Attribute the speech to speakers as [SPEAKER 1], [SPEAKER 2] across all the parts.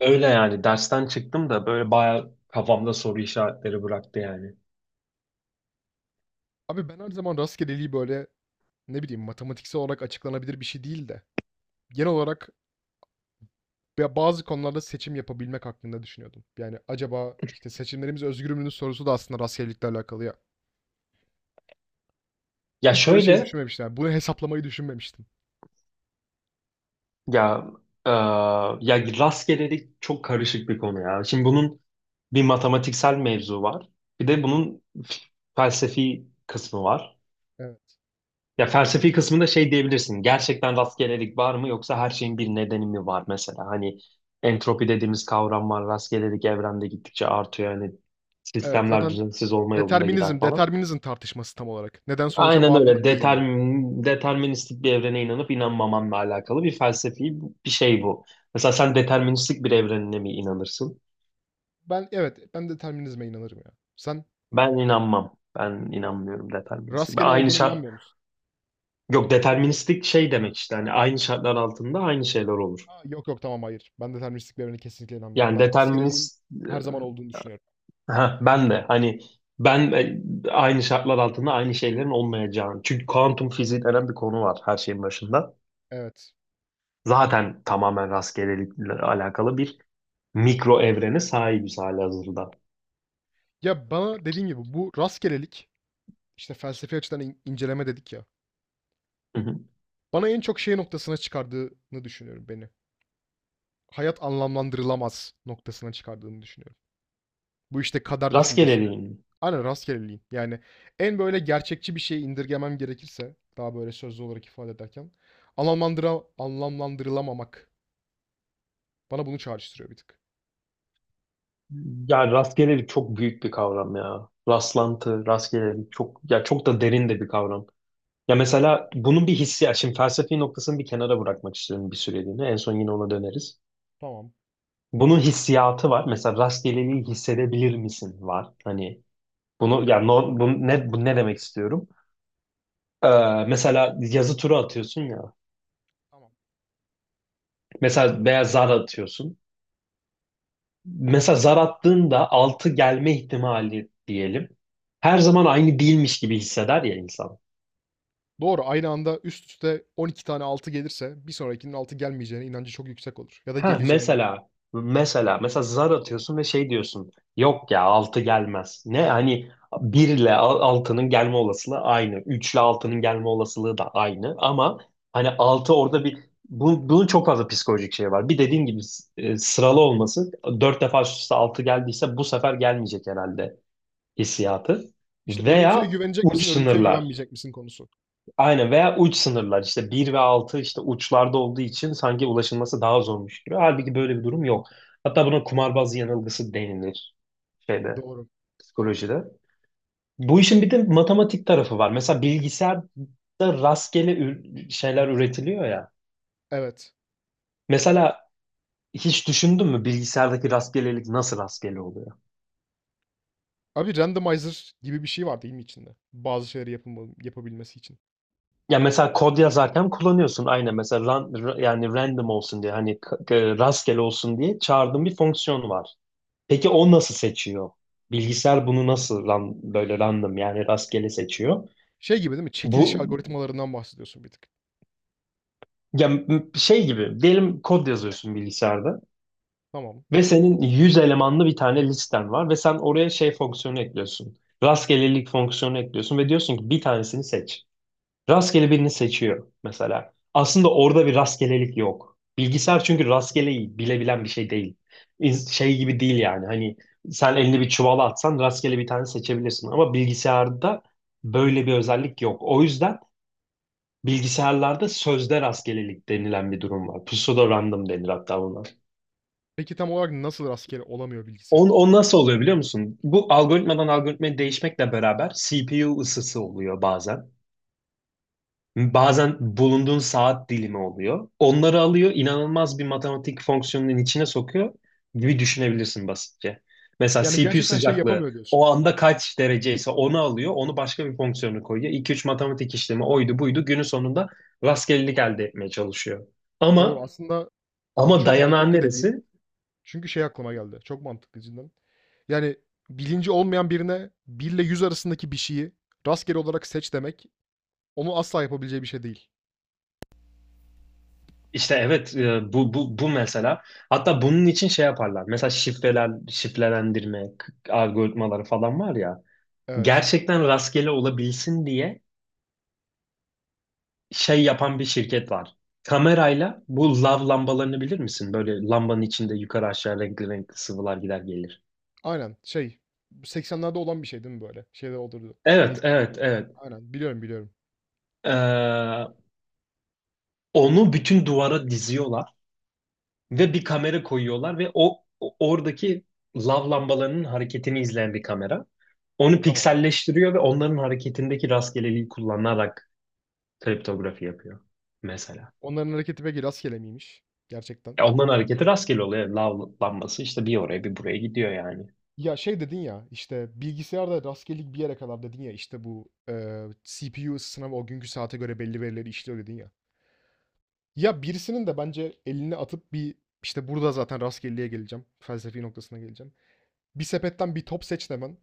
[SPEAKER 1] Öyle yani dersten çıktım da böyle bayağı kafamda soru işaretleri bıraktı yani.
[SPEAKER 2] Abi ben her zaman rastgeleliği böyle ne bileyim matematiksel olarak açıklanabilir bir şey değil de genel olarak ya bazı konularda seçim yapabilmek hakkında düşünüyordum. Yani acaba işte seçimlerimiz özgür müdür sorusu da aslında rastgelelikle alakalı ya.
[SPEAKER 1] Ya
[SPEAKER 2] Hiç böyle şey
[SPEAKER 1] şöyle
[SPEAKER 2] düşünmemiştim, yani bunu hesaplamayı düşünmemiştim.
[SPEAKER 1] ya e, ya rastgelelik çok karışık bir konu ya. Şimdi bunun bir matematiksel mevzu var. Bir de bunun felsefi kısmı var.
[SPEAKER 2] Evet.
[SPEAKER 1] Ya felsefi kısmında şey diyebilirsin. Gerçekten rastgelelik var mı yoksa her şeyin bir nedeni mi var mesela? Hani entropi dediğimiz kavram var. Rastgelelik evrende gittikçe artıyor. Yani
[SPEAKER 2] Evet
[SPEAKER 1] sistemler
[SPEAKER 2] zaten
[SPEAKER 1] düzensiz olma yolunda gider
[SPEAKER 2] Determinizm,
[SPEAKER 1] falan.
[SPEAKER 2] determinizm tartışması tam olarak. Neden sonuca
[SPEAKER 1] Aynen
[SPEAKER 2] bağlı mı
[SPEAKER 1] öyle.
[SPEAKER 2] değil mi?
[SPEAKER 1] Deterministik bir evrene inanıp inanmamanla alakalı bir felsefi bir şey bu. Mesela sen deterministik bir evrenine mi inanırsın?
[SPEAKER 2] Ben evet, ben determinizme inanırım ya. Sen
[SPEAKER 1] Ben inanmam. Ben
[SPEAKER 2] ra-
[SPEAKER 1] inanmıyorum deterministik. Ben
[SPEAKER 2] rastgele
[SPEAKER 1] aynı
[SPEAKER 2] olduğuna
[SPEAKER 1] şart...
[SPEAKER 2] inanmıyor musun?
[SPEAKER 1] Yok deterministik şey demek işte. Hani aynı şartlar altında aynı şeyler olur.
[SPEAKER 2] Ha, yok yok tamam hayır. Ben deterministliklerine kesinlikle inanmıyorum.
[SPEAKER 1] Yani
[SPEAKER 2] Ben rastgeleliğin
[SPEAKER 1] determinist...
[SPEAKER 2] her zaman olduğunu düşünüyorum.
[SPEAKER 1] Ha, ben de hani ben aynı şartlar altında aynı şeylerin olmayacağını. Çünkü kuantum fiziği denen bir konu var her şeyin başında.
[SPEAKER 2] Evet.
[SPEAKER 1] Zaten tamamen rastgelelikle alakalı bir mikro evrene sahibiz halihazırda.
[SPEAKER 2] Ya bana dediğin gibi bu rastgelelik işte felsefi açıdan inceleme dedik ya.
[SPEAKER 1] Hı hı.
[SPEAKER 2] Bana en çok şey noktasına çıkardığını düşünüyorum beni. Hayat anlamlandırılamaz noktasına çıkardığını düşünüyorum. Bu işte kader düşüncesi.
[SPEAKER 1] Rastgeleliğin mi?
[SPEAKER 2] Aynen rastgeleliğin. Yani en böyle gerçekçi bir şeye indirgemem gerekirse daha böyle sözlü olarak ifade ederken anlamlandırılamamak bana bunu çağrıştırıyor bir tık.
[SPEAKER 1] Ya rastgelelik çok büyük bir kavram ya. Rastlantı, rastgelelik çok ya çok da derin de bir kavram. Ya
[SPEAKER 2] Evet.
[SPEAKER 1] mesela bunun bir hissiyatı, şimdi felsefi noktasını bir kenara bırakmak istiyorum bir süreliğine. En son yine ona döneriz.
[SPEAKER 2] Tamam.
[SPEAKER 1] Bunun hissiyatı var. Mesela rastgeleliği hissedebilir misin var. Hani bunu bu ne demek istiyorum? Mesela yazı turu atıyorsun ya.
[SPEAKER 2] Tamam.
[SPEAKER 1] Mesela veya zar atıyorsun. Mesela zar attığında 6 gelme ihtimali diyelim. Her zaman aynı değilmiş gibi hisseder ya insan.
[SPEAKER 2] Doğru, aynı anda üst üste 12 tane 6 gelirse bir sonrakinin 6 gelmeyeceğine inancı çok yüksek olur. Ya da
[SPEAKER 1] Ha,
[SPEAKER 2] geleceğine.
[SPEAKER 1] mesela zar atıyorsun ve şey diyorsun. Yok ya 6 gelmez. Ne hani 1 ile 6'nın gelme olasılığı aynı. 3 ile 6'nın gelme olasılığı da aynı ama hani 6 orada bir bunun çok fazla psikolojik şey var. Bir dediğin gibi sıralı olması, 4 defa üst üste 6 geldiyse bu sefer gelmeyecek herhalde hissiyatı.
[SPEAKER 2] İşte örüntüye
[SPEAKER 1] Veya
[SPEAKER 2] güvenecek
[SPEAKER 1] uç
[SPEAKER 2] misin, örüntüye
[SPEAKER 1] sınırlar.
[SPEAKER 2] güvenmeyecek misin konusu.
[SPEAKER 1] Aynen, veya uç sınırlar işte bir ve 6 işte uçlarda olduğu için sanki ulaşılması daha zormuş gibi. Halbuki böyle bir durum yok. Hatta buna kumarbaz yanılgısı denilir, şeyde,
[SPEAKER 2] Doğru.
[SPEAKER 1] psikolojide. Bu işin bir de matematik tarafı var. Mesela bilgisayarda rastgele şeyler üretiliyor ya.
[SPEAKER 2] Evet.
[SPEAKER 1] Mesela hiç düşündün mü bilgisayardaki rastgelelik nasıl rastgele oluyor?
[SPEAKER 2] Abi randomizer gibi bir şey var değil mi içinde? Bazı şeyleri yapabilmesi için.
[SPEAKER 1] Ya mesela kod yazarken kullanıyorsun, aynen, mesela yani random olsun diye, hani rastgele olsun diye çağırdığın bir fonksiyon var. Peki o nasıl seçiyor? Bilgisayar bunu nasıl böyle random, yani rastgele seçiyor?
[SPEAKER 2] Şey gibi değil mi? Çekiliş
[SPEAKER 1] Bu,
[SPEAKER 2] algoritmalarından bahsediyorsun bir tık.
[SPEAKER 1] ya şey gibi diyelim, kod yazıyorsun bilgisayarda
[SPEAKER 2] Tamam.
[SPEAKER 1] ve senin 100 elemanlı bir tane listen var ve sen oraya şey fonksiyonu ekliyorsun. Rastgelelik fonksiyonu ekliyorsun ve diyorsun ki bir tanesini seç. Rastgele birini seçiyor mesela. Aslında orada bir rastgelelik yok. Bilgisayar çünkü rastgeleyi bilebilen bir şey değil. Şey gibi değil yani. Hani sen elini bir çuvala atsan rastgele bir tane seçebilirsin. Ama bilgisayarda böyle bir özellik yok. O yüzden bilgisayarlarda sözde rastgelelik denilen bir durum var. Pseudo random denir hatta buna.
[SPEAKER 2] Peki tam olarak nasıl rastgele olamıyor
[SPEAKER 1] On,
[SPEAKER 2] bilgisayar?
[SPEAKER 1] o nasıl oluyor biliyor musun? Bu algoritmadan algoritmaya değişmekle beraber CPU ısısı oluyor bazen. Bazen bulunduğun saat dilimi oluyor. Onları alıyor, inanılmaz bir matematik fonksiyonunun içine sokuyor gibi düşünebilirsin basitçe. Mesela
[SPEAKER 2] Yani
[SPEAKER 1] CPU
[SPEAKER 2] gerçekten şey
[SPEAKER 1] sıcaklığı
[SPEAKER 2] yapamıyor diyorsun.
[SPEAKER 1] o anda kaç dereceyse onu alıyor, onu başka bir fonksiyonu koyuyor. İki üç matematik işlemi, oydu buydu, günün sonunda rastgelelik elde etmeye çalışıyor.
[SPEAKER 2] Doğru.
[SPEAKER 1] Ama,
[SPEAKER 2] Aslında çok
[SPEAKER 1] dayanan
[SPEAKER 2] mantıklı dediğin.
[SPEAKER 1] neresi?
[SPEAKER 2] Çünkü şey aklıma geldi. Çok mantıklı cidden. Yani bilinci olmayan birine 1 ile 100 arasındaki bir şeyi rastgele olarak seç demek onu asla yapabileceği bir şey değil.
[SPEAKER 1] İşte evet, bu mesela. Hatta bunun için şey yaparlar. Mesela şifreler, şifrelendirme algoritmaları falan var ya.
[SPEAKER 2] Evet.
[SPEAKER 1] Gerçekten rastgele olabilsin diye şey yapan bir şirket var. Kamerayla bu lav lambalarını bilir misin? Böyle lambanın içinde yukarı aşağı renkli renkli sıvılar gider gelir.
[SPEAKER 2] Aynen. Şey, bu 80'lerde olan bir şey değil mi böyle? Şeyde olurdu.
[SPEAKER 1] Evet,
[SPEAKER 2] İnsanlarda.
[SPEAKER 1] evet, evet.
[SPEAKER 2] Aynen. Biliyorum, biliyorum.
[SPEAKER 1] Ee, Onu bütün duvara diziyorlar ve bir kamera koyuyorlar ve oradaki lav lambalarının hareketini izleyen bir kamera. Onu
[SPEAKER 2] Tamam.
[SPEAKER 1] pikselleştiriyor ve onların hareketindeki rastgeleliği kullanarak kriptografi yapıyor mesela.
[SPEAKER 2] Onların hareketi peki rastgele miymiş? Gerçekten.
[SPEAKER 1] Ya ondan hareketi rastgele oluyor. Lavlanması işte bir oraya bir buraya gidiyor yani.
[SPEAKER 2] Ya şey dedin ya, işte bilgisayarda rastgelelik bir yere kadar dedin ya, işte bu CPU ısısına ve o günkü saate göre belli verileri işliyor dedin ya. Ya birisinin de bence elini atıp bir, işte, burada zaten rastgeleye geleceğim, felsefi noktasına geleceğim. Bir sepetten bir top seç demen.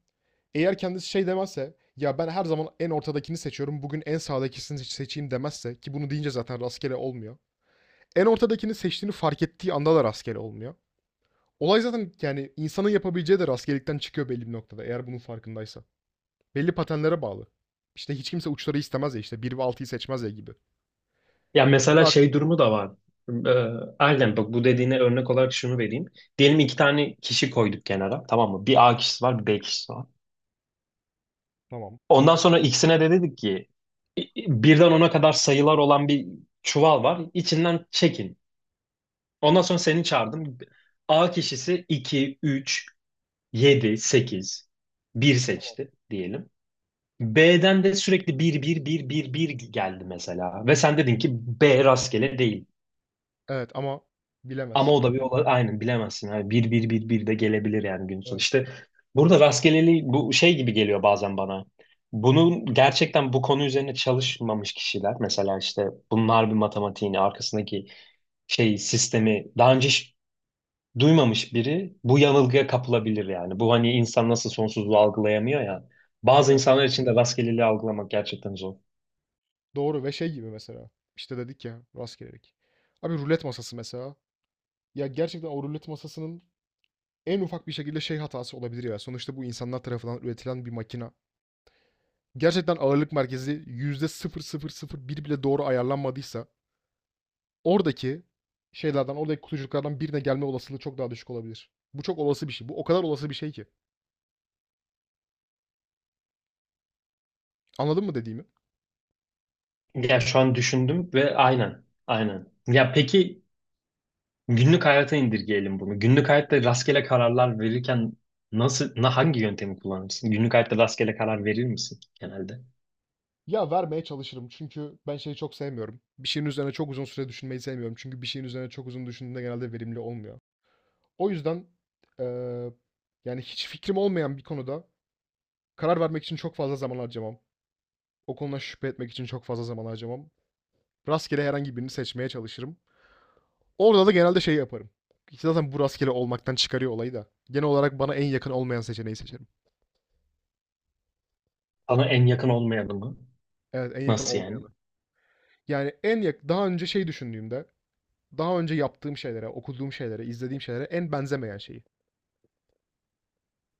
[SPEAKER 2] Eğer kendisi şey demezse, "Ya, ben her zaman en ortadakini seçiyorum, bugün en sağdakisini seçeyim." demezse ki bunu deyince zaten rastgele olmuyor. En ortadakini seçtiğini fark ettiği anda da rastgele olmuyor. Olay zaten, yani, insanın yapabileceği de rastgelelikten çıkıyor belli bir noktada eğer bunun farkındaysa. Belli patenlere bağlı. İşte, hiç kimse uçları istemez ya, işte, bir ve altıyı seçmez ya gibi.
[SPEAKER 1] Ya
[SPEAKER 2] Bir de
[SPEAKER 1] mesela
[SPEAKER 2] ak-
[SPEAKER 1] şey durumu da var. Ee, aynen, bak, bu dediğine örnek olarak şunu vereyim. Diyelim iki tane kişi koyduk kenara, tamam mı? Bir A kişisi var, bir B kişisi var.
[SPEAKER 2] Tamam.
[SPEAKER 1] Ondan sonra ikisine de dedik ki i- birden ona kadar sayılar olan bir çuval var. İçinden çekin. Ondan sonra seni çağırdım. A kişisi iki, üç, yedi, sekiz, bir seçti diyelim. B'den de sürekli bir bir bir bir bir geldi mesela. Ve sen dedin ki B rastgele değil.
[SPEAKER 2] Evet ama
[SPEAKER 1] Ama
[SPEAKER 2] bilemezsin.
[SPEAKER 1] o da aynen, bilemezsin. Yani bir bir bir bir de gelebilir yani, gün sonu.
[SPEAKER 2] Evet,
[SPEAKER 1] İşte burada rastgeleliği bu şey gibi geliyor bazen bana. Bunun gerçekten, bu konu üzerine çalışmamış kişiler mesela, işte bunlar, bir matematiğini arkasındaki şey sistemi daha önce hiç duymamış biri bu yanılgıya kapılabilir yani. Bu hani insan nasıl sonsuzluğu algılayamıyor ya. Bazı
[SPEAKER 2] evet.
[SPEAKER 1] insanlar için de rastgeleliği algılamak gerçekten zor.
[SPEAKER 2] Doğru ve şey gibi mesela. İşte dedik ya rastgelelik. Abi rulet masası mesela. Ya gerçekten o rulet masasının en ufak bir şekilde şey hatası olabilir ya. Sonuçta bu insanlar tarafından üretilen bir makina. Gerçekten ağırlık merkezi yüzde sıfır sıfır sıfır bir bile doğru ayarlanmadıysa oradaki şeylerden, oradaki kutucuklardan birine gelme olasılığı çok daha düşük olabilir. Bu çok olası bir şey. Bu o kadar olası bir şey ki. Anladın mı dediğimi?
[SPEAKER 1] Ya şu an düşündüm ve aynen, aynen. Ya peki, günlük hayata indirgeyelim bunu. Günlük hayatta rastgele kararlar verirken nasıl, hangi yöntemi kullanırsın? Günlük hayatta rastgele karar verir misin genelde?
[SPEAKER 2] Ya vermeye çalışırım çünkü ben şeyi çok sevmiyorum. Bir şeyin üzerine çok uzun süre düşünmeyi sevmiyorum. Çünkü bir şeyin üzerine çok uzun düşündüğünde genelde verimli olmuyor. O yüzden eee, yani hiç fikrim olmayan bir konuda karar vermek için çok fazla zaman harcamam. O konuda şüphe etmek için çok fazla zaman harcamam. Rastgele herhangi birini seçmeye çalışırım. Orada da genelde şey yaparım. İşte zaten bu rastgele olmaktan çıkarıyor olayı da. Genel olarak bana en yakın olmayan seçeneği seçerim.
[SPEAKER 1] Sana en yakın olmayanı mı?
[SPEAKER 2] Evet, en yakın
[SPEAKER 1] Nasıl
[SPEAKER 2] olmayanı.
[SPEAKER 1] yani?
[SPEAKER 2] Yani en yak daha önce şey düşündüğümde daha önce yaptığım şeylere, okuduğum şeylere, izlediğim şeylere en benzemeyen şeyi.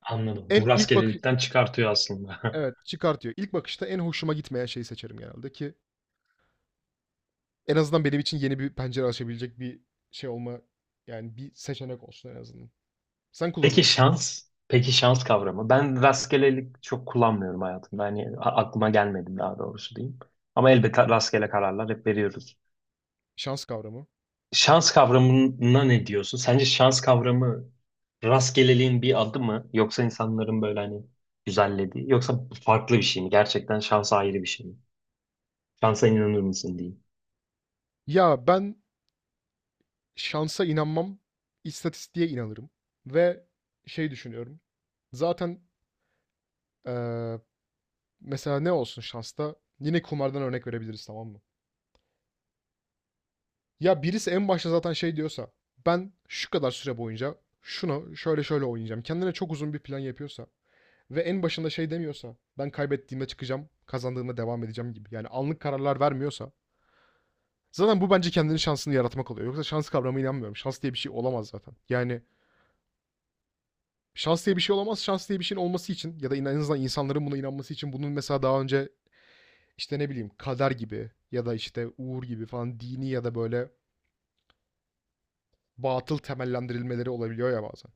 [SPEAKER 1] Anladım.
[SPEAKER 2] En
[SPEAKER 1] Bu
[SPEAKER 2] ilk bakış,
[SPEAKER 1] rastgelelikten çıkartıyor aslında.
[SPEAKER 2] evet, çıkartıyor. İlk bakışta en hoşuma gitmeyen şeyi seçerim genelde ki en azından benim için yeni bir pencere açabilecek bir şey olma yani bir seçenek olsun en azından. Sen kullanır
[SPEAKER 1] Peki
[SPEAKER 2] mısın?
[SPEAKER 1] şans? Peki şans kavramı. Ben rastgelelik çok kullanmıyorum hayatımda. Hani aklıma gelmedi daha doğrusu diyeyim. Ama elbette rastgele kararlar hep veriyoruz.
[SPEAKER 2] Şans kavramı.
[SPEAKER 1] Şans kavramına ne diyorsun? Sence şans kavramı rastgeleliğin bir adı mı? Yoksa insanların böyle hani güzellediği? Yoksa farklı bir şey mi? Gerçekten şansa ayrı bir şey mi? Şansa inanır mısın diyeyim.
[SPEAKER 2] Ya ben şansa inanmam, istatistiğe inanırım ve şey düşünüyorum. Zaten eee, mesela ne olsun şansta? Yine kumardan örnek verebiliriz, tamam mı? Ya birisi en başta zaten şey diyorsa ben şu kadar süre boyunca şunu şöyle şöyle oynayacağım. Kendine çok uzun bir plan yapıyorsa ve en başında şey demiyorsa ben kaybettiğimde çıkacağım, kazandığımda devam edeceğim gibi. Yani anlık kararlar vermiyorsa zaten bu bence kendinin şansını yaratmak oluyor. Yoksa şans kavramına inanmıyorum. Şans diye bir şey olamaz zaten. Yani şans diye bir şey olamaz. Şans diye bir şeyin olması için ya da en azından insanların buna inanması için bunun mesela daha önce işte ne bileyim kader gibi ya da işte uğur gibi falan dini ya da böyle batıl temellendirilmeleri olabiliyor ya bazen.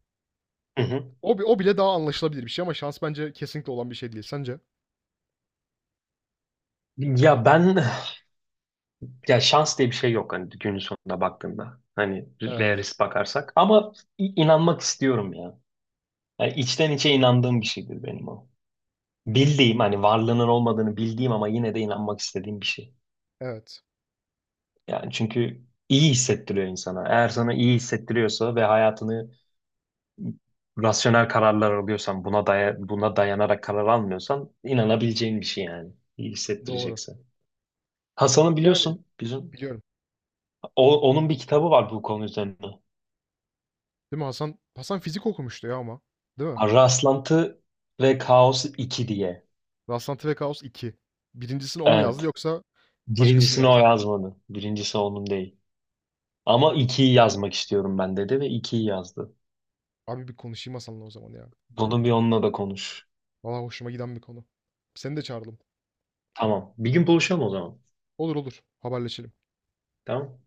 [SPEAKER 1] Hı hı.
[SPEAKER 2] O bile daha anlaşılabilir bir şey ama şans bence kesinlikle olan bir şey değil. Sence?
[SPEAKER 1] Ya ben, ya şans diye bir şey yok hani, günün sonunda baktığında. Hani
[SPEAKER 2] Evet,
[SPEAKER 1] realist bakarsak. Ama inanmak istiyorum ya. Yani içten içe inandığım bir şeydir benim o. Bildiğim, hani varlığının olmadığını bildiğim ama yine de inanmak istediğim bir şey.
[SPEAKER 2] evet.
[SPEAKER 1] Yani çünkü iyi hissettiriyor insana. Eğer sana iyi hissettiriyorsa ve hayatını rasyonel kararlar alıyorsan, buna dayanarak karar almıyorsan, inanabileceğin bir şey yani. İyi
[SPEAKER 2] Doğru.
[SPEAKER 1] hissettirecekse. Hasan'ı
[SPEAKER 2] Yani
[SPEAKER 1] biliyorsun bizim.
[SPEAKER 2] biliyorum.
[SPEAKER 1] Onun bir kitabı var bu konu üzerine.
[SPEAKER 2] Değil mi Hasan? Hasan fizik okumuştu ya ama. Değil mi?
[SPEAKER 1] Rastlantı ve Kaos 2 diye.
[SPEAKER 2] Rastlantı ve Kaos 2. Birincisini o mu yazdı
[SPEAKER 1] Evet.
[SPEAKER 2] yoksa başkası mı
[SPEAKER 1] Birincisini o
[SPEAKER 2] yazdı?
[SPEAKER 1] yazmadı. Birincisi onun değil. Ama ikiyi yazmak istiyorum ben dedi ve ikiyi yazdı.
[SPEAKER 2] Abi bir konuşayım Hasan'la o zaman ya.
[SPEAKER 1] Bunu bir onunla da konuş.
[SPEAKER 2] Valla hoşuma giden bir konu. Seni de çağıralım.
[SPEAKER 1] Tamam. Bir gün buluşalım o zaman.
[SPEAKER 2] Olur olur. Haberleşelim.
[SPEAKER 1] Tamam.